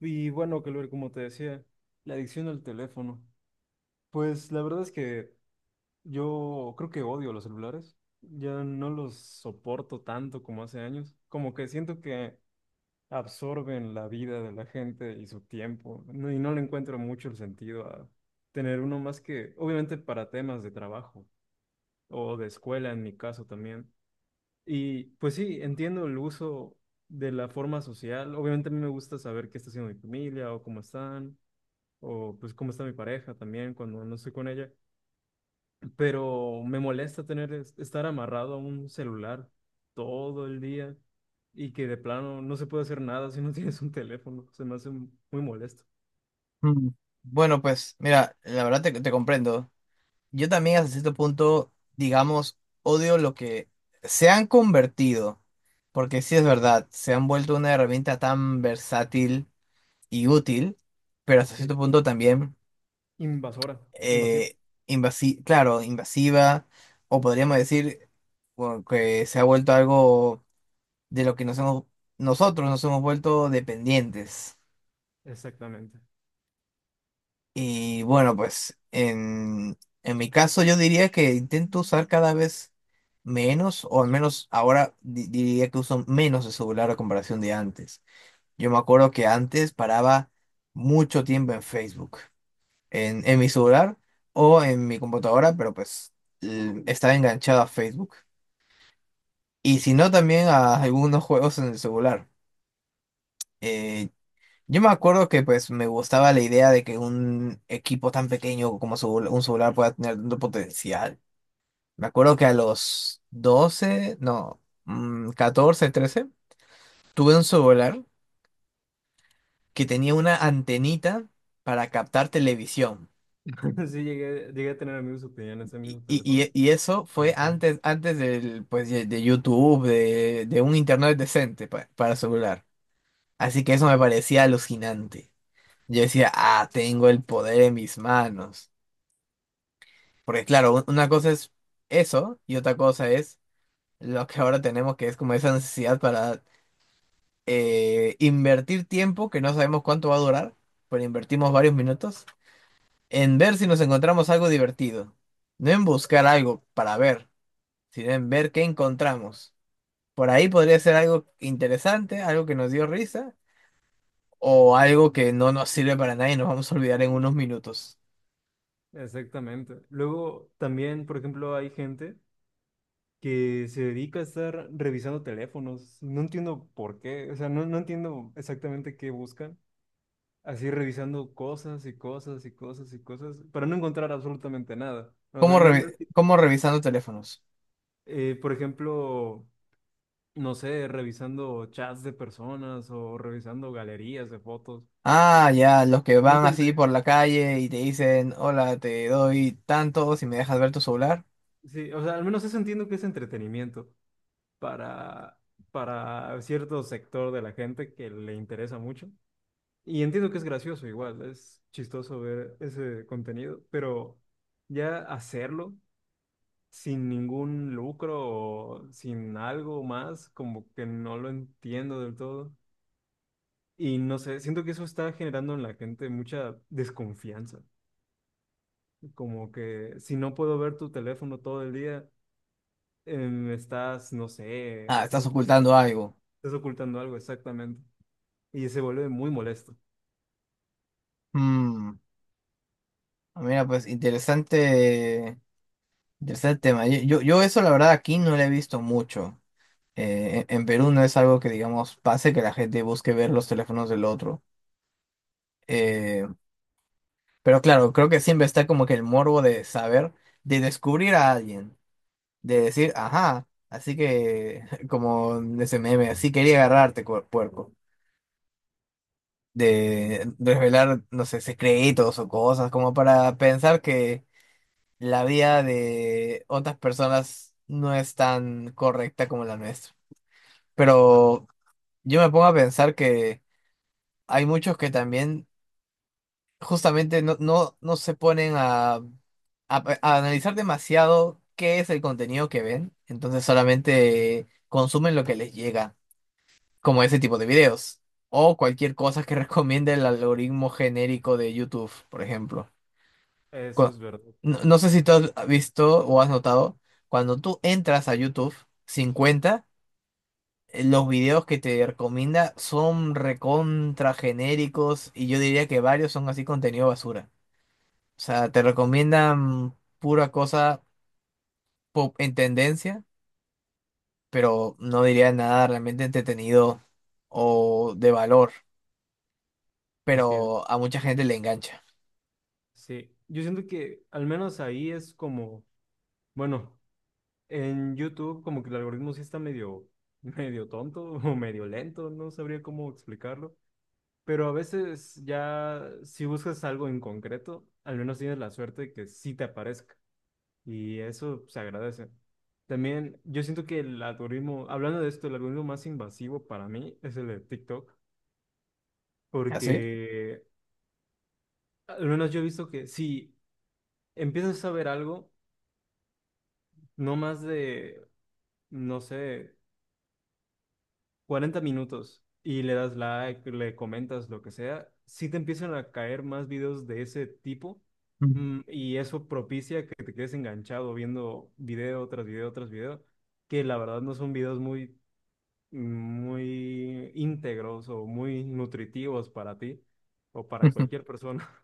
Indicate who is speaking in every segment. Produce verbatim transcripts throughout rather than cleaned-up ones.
Speaker 1: Y bueno, Calver, como te decía, la adicción al teléfono. Pues la verdad es que yo creo que odio los celulares. Ya no los soporto tanto como hace años. Como que siento que absorben la vida de la gente y su tiempo. no- y no le encuentro mucho el sentido a tener uno más que, obviamente, para temas de trabajo o de escuela en mi caso también. Y pues sí, entiendo el uso de la forma social. Obviamente a mí me gusta saber qué está haciendo mi familia o cómo están, o pues cómo está mi pareja también cuando no estoy con ella, pero me molesta tener es- estar amarrado a un celular todo el día y que de plano no se puede hacer nada si no tienes un teléfono. Se me hace m- muy molesto.
Speaker 2: Mm, Bueno, pues mira, la verdad te, te comprendo. Yo también hasta cierto punto, digamos, odio lo que se han convertido, porque sí es verdad, se han vuelto una herramienta tan versátil y útil, pero hasta
Speaker 1: Sí,
Speaker 2: cierto punto también
Speaker 1: invasora, invasivo.
Speaker 2: eh, invasi- claro, invasiva, o podríamos decir, bueno, que se ha vuelto algo de lo que nos hemos, nosotros nos hemos vuelto dependientes.
Speaker 1: Exactamente.
Speaker 2: Y bueno, pues en, en mi caso yo diría que intento usar cada vez menos, o al menos ahora di- diría que uso menos el celular a comparación de antes. Yo me acuerdo que antes paraba mucho tiempo en Facebook, en, en mi celular o en mi computadora, pero pues l- estaba enganchado a Facebook. Y si no, también a algunos juegos en el celular. Eh, Yo me acuerdo que pues me gustaba la idea de que un equipo tan pequeño como su- un celular pueda tener tanto potencial. Me acuerdo que a los doce, no, mm, catorce, trece, tuve un celular que tenía una antenita para captar televisión.
Speaker 1: Sí, llegué, llegué a tener amigos que tenían ese
Speaker 2: Y,
Speaker 1: mismo
Speaker 2: y-
Speaker 1: teléfono.
Speaker 2: y- y eso fue
Speaker 1: Bueno.
Speaker 2: antes, antes del, pues, de, de YouTube, de, de un internet decente pa- para celular. Así que eso me parecía alucinante. Yo decía, ah, tengo el poder en mis manos. Porque claro, una cosa es eso y otra cosa es lo que ahora tenemos, que es como esa necesidad para eh, invertir tiempo que no sabemos cuánto va a durar, pero invertimos varios minutos en ver si nos encontramos algo divertido. No en buscar algo para ver, sino en ver qué encontramos. Por ahí podría ser algo interesante, algo que nos dio risa o algo que no nos sirve para nada y nos vamos a olvidar en unos minutos.
Speaker 1: Exactamente. Luego también, por ejemplo, hay gente que se dedica a estar revisando teléfonos. No entiendo por qué, o sea, no, no entiendo exactamente qué buscan. Así revisando cosas y cosas y cosas y cosas para no encontrar absolutamente nada. O sea,
Speaker 2: ¿Cómo,
Speaker 1: no, no
Speaker 2: revi-
Speaker 1: enti-
Speaker 2: cómo revisando teléfonos?
Speaker 1: eh, por ejemplo, no sé, revisando chats de personas o revisando galerías de fotos.
Speaker 2: Ah, ya, los que van
Speaker 1: Nunca
Speaker 2: así
Speaker 1: entendí.
Speaker 2: por la calle y te dicen, hola, te doy tanto si me dejas ver tu celular.
Speaker 1: Sí, o sea, al menos eso entiendo que es entretenimiento para, para cierto sector de la gente que le interesa mucho. Y entiendo que es gracioso igual, es chistoso ver ese contenido, pero ya hacerlo sin ningún lucro o sin algo más, como que no lo entiendo del todo. Y no sé, siento que eso está generando en la gente mucha desconfianza, como que si no puedo ver tu teléfono todo el día, em, estás, no sé,
Speaker 2: Ah,
Speaker 1: estás
Speaker 2: estás
Speaker 1: haciendo
Speaker 2: ocultando
Speaker 1: algo,
Speaker 2: algo.
Speaker 1: estás ocultando algo, exactamente. Y se vuelve muy molesto.
Speaker 2: Mm, mira, pues interesante, interesante tema. Yo, yo, yo eso la verdad aquí no lo he visto mucho. Eh, en en Perú no es algo que, digamos, pase que la gente busque ver los teléfonos del otro. Eh, pero claro, creo que siempre está como que el morbo de saber, de descubrir a alguien. De decir, ajá, así que, como de ese meme, así quería agarrarte, cuer- puerco. De revelar, no sé, secretos o cosas, como para pensar que la vida de otras personas no es tan correcta como la nuestra. Pero yo me pongo a pensar que hay muchos que también justamente no, no, no se ponen a a, a analizar demasiado qué es el contenido que ven, entonces solamente consumen lo que les llega, como ese tipo de videos. O cualquier cosa que recomiende el algoritmo genérico de YouTube, por ejemplo.
Speaker 1: Eso
Speaker 2: Cu-
Speaker 1: es verdad,
Speaker 2: No, no sé si tú has visto o has notado, cuando tú entras a YouTube cincuenta, eh, los videos que te recomienda son recontra genéricos y yo diría que varios son así contenido basura. O sea, te recomiendan pura cosa pop en tendencia, pero no diría nada realmente entretenido o de valor,
Speaker 1: entiendo.
Speaker 2: pero a mucha gente le engancha.
Speaker 1: Sí, yo siento que al menos ahí es como, bueno, en YouTube como que el algoritmo sí está medio, medio tonto o medio lento, no sabría cómo explicarlo, pero a veces ya si buscas algo en concreto, al menos tienes la suerte de que sí te aparezca, y eso se agradece. También yo siento que el algoritmo, hablando de esto, el algoritmo más invasivo para mí es el de TikTok,
Speaker 2: ¿Así?
Speaker 1: porque al menos yo he visto que si empiezas a ver algo, no más de, no sé, cuarenta minutos, y le das like, le comentas lo que sea, sí te empiezan a caer más videos de ese tipo, mm, y eso propicia que te quedes enganchado viendo video tras video tras video, que la verdad no son videos muy, muy íntegros o muy nutritivos para ti o para cualquier persona.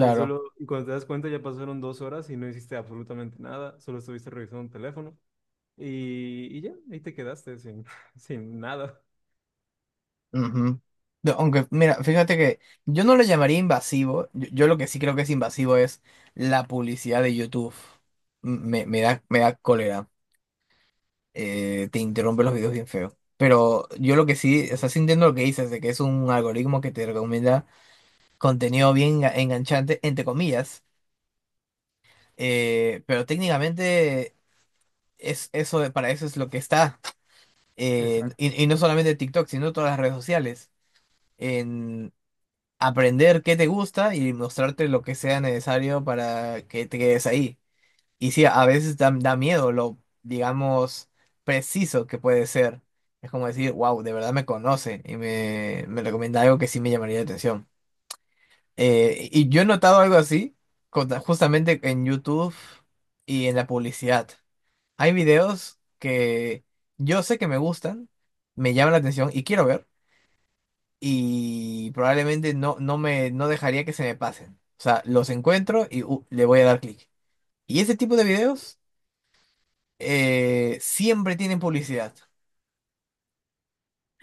Speaker 1: Y solo, y cuando te das cuenta ya pasaron dos horas y no hiciste absolutamente nada, solo estuviste revisando un teléfono, y, y ya, ahí te quedaste sin sin nada.
Speaker 2: Ujú. No, aunque, mira, fíjate que yo no lo llamaría invasivo. Yo, yo lo que sí creo que es invasivo es la publicidad de YouTube. M- Me, me da, me da cólera. Eh, te interrumpe los videos bien feo. Pero yo lo que
Speaker 1: Es
Speaker 2: sí, o sea,
Speaker 1: verdad.
Speaker 2: sí entiendo lo que dices, de que es un algoritmo que te recomienda contenido bien enga- enganchante, entre comillas. Eh, pero técnicamente es eso, de- para eso es lo que está. Eh,
Speaker 1: Exacto.
Speaker 2: y, y no solamente TikTok, sino todas las redes sociales. Aprender qué te gusta y mostrarte lo que sea necesario para que te quedes ahí. Y sí, a veces da, da miedo lo, digamos, preciso que puede ser. Es como decir, wow, de verdad me conoce y me, me recomienda algo que sí me llamaría la atención. Eh, y yo he notado algo así con- justamente en YouTube y en la publicidad. Hay videos que yo sé que me gustan, me llaman la atención y quiero ver, y probablemente no, no me no dejaría que se me pasen. O sea, los encuentro y uh, le voy a dar clic. Y ese tipo de videos eh, siempre tienen publicidad.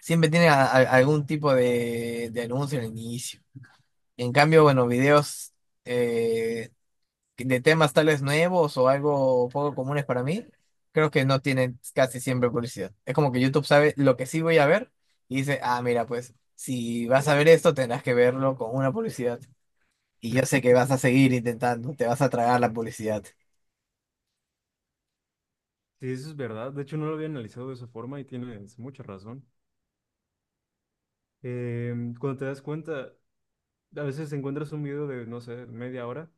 Speaker 2: Siempre tienen a- a- algún tipo de, de anuncio en el inicio. En cambio, bueno, videos eh, de temas tal vez nuevos o algo poco comunes para mí, creo que no tienen casi siempre publicidad. Es como que YouTube sabe lo que sí voy a ver y dice, ah, mira, pues si vas a ver esto, tendrás que verlo con una publicidad. Y yo sé que vas a seguir intentando, te vas a tragar la publicidad.
Speaker 1: Sí, eso es verdad. De hecho, no lo había analizado de esa forma y tienes mucha razón. Eh, cuando te das cuenta, a veces encuentras un video de, no sé, media hora,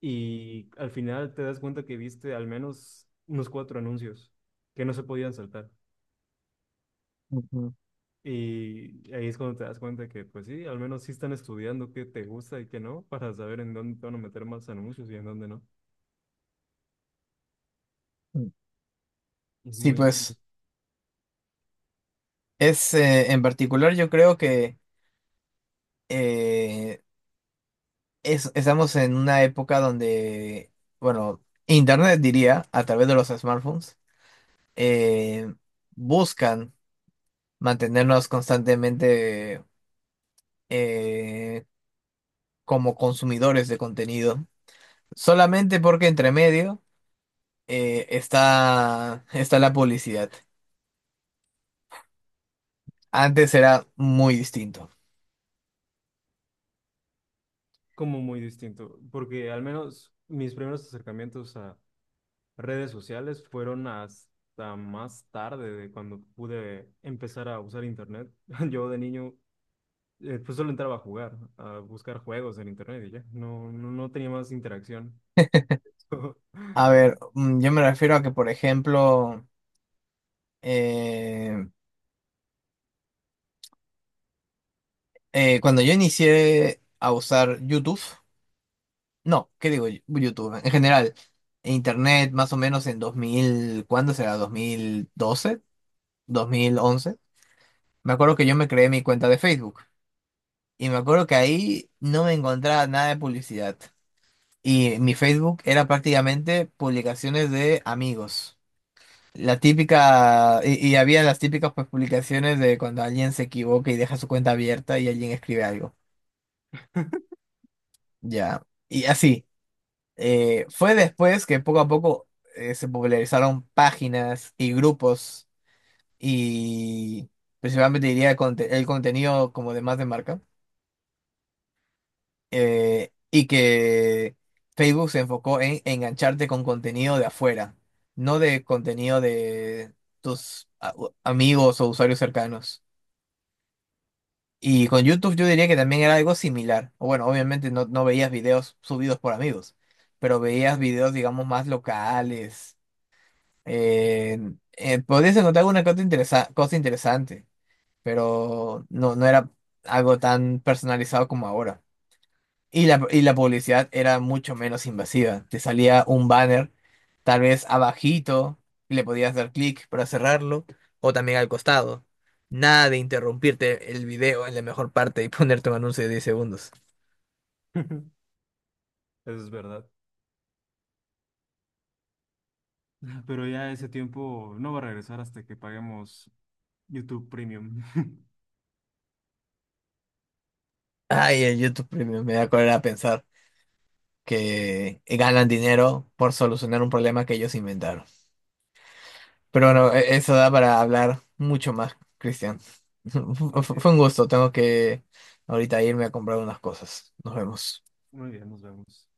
Speaker 1: y al final te das cuenta que viste al menos unos cuatro anuncios que no se podían saltar.
Speaker 2: Ujú.
Speaker 1: Y ahí es cuando te das cuenta que, pues sí, al menos sí están estudiando qué te gusta y qué no, para saber en dónde te van a meter más anuncios y en dónde no.
Speaker 2: Mm.
Speaker 1: Es
Speaker 2: Sí,
Speaker 1: muy, muy-
Speaker 2: pues es eh, en particular yo creo que eh, es- estamos en una época donde, bueno, Internet diría, a través de los smartphones, eh, buscan mantenernos constantemente, eh, como consumidores de contenido, solamente porque entre medio eh, está, está la publicidad. Antes era muy distinto.
Speaker 1: como muy distinto, porque al menos mis primeros acercamientos a redes sociales fueron hasta más tarde de cuando pude empezar a usar internet. Yo de niño, eh, pues solo entraba a jugar, a buscar juegos en internet y ya. No, no, no tenía más interacción.
Speaker 2: A ver, mm, yo me refiero a que, por ejemplo, eh, eh, cuando yo inicié a usar YouTube, no, ¿qué digo? ¿yo? YouTube, en general, Internet más o menos en dos mil, ¿cuándo será? dos dos mil doce, ¿dos mil once? Me acuerdo que yo me creé mi cuenta de Facebook y me acuerdo que ahí no me encontraba nada de publicidad. Y mi Facebook era prácticamente publicaciones de amigos. La típica, y, y había las típicas pues, publicaciones de cuando alguien se equivoca y deja su cuenta abierta y alguien escribe algo. Ya. Y así. Eh, fue después que poco a poco eh, se popularizaron páginas y grupos, y principalmente diría conte- el contenido como de más de marca. eh, y que Facebook se enfocó en engancharte con contenido de afuera, no de contenido de tus a- u- amigos o usuarios cercanos. Y con YouTube yo diría que también era algo similar. O bueno, obviamente no, no veías videos subidos por amigos, pero veías videos, digamos, más locales. Eh, eh, podías encontrar alguna cosa, interesa- cosa interesante, pero no, no era algo tan personalizado como ahora. Y la, y la publicidad era mucho menos invasiva. Te salía un banner, tal vez abajito, y le podías dar clic para cerrarlo, o también al costado. Nada de interrumpirte el video en la mejor parte y ponerte un anuncio de diez segundos.
Speaker 1: Eso es verdad. Pero ya ese tiempo no va a regresar hasta que paguemos YouTube Premium.
Speaker 2: Ay, el YouTube Premium me da cólera pensar que ganan dinero por solucionar un problema que ellos inventaron. Pero bueno, e- eso da para hablar mucho más, Cristian.
Speaker 1: Así
Speaker 2: Fue
Speaker 1: es.
Speaker 2: un gusto, tengo que ahorita irme a comprar unas cosas. Nos vemos.
Speaker 1: Muy bien, nos vemos.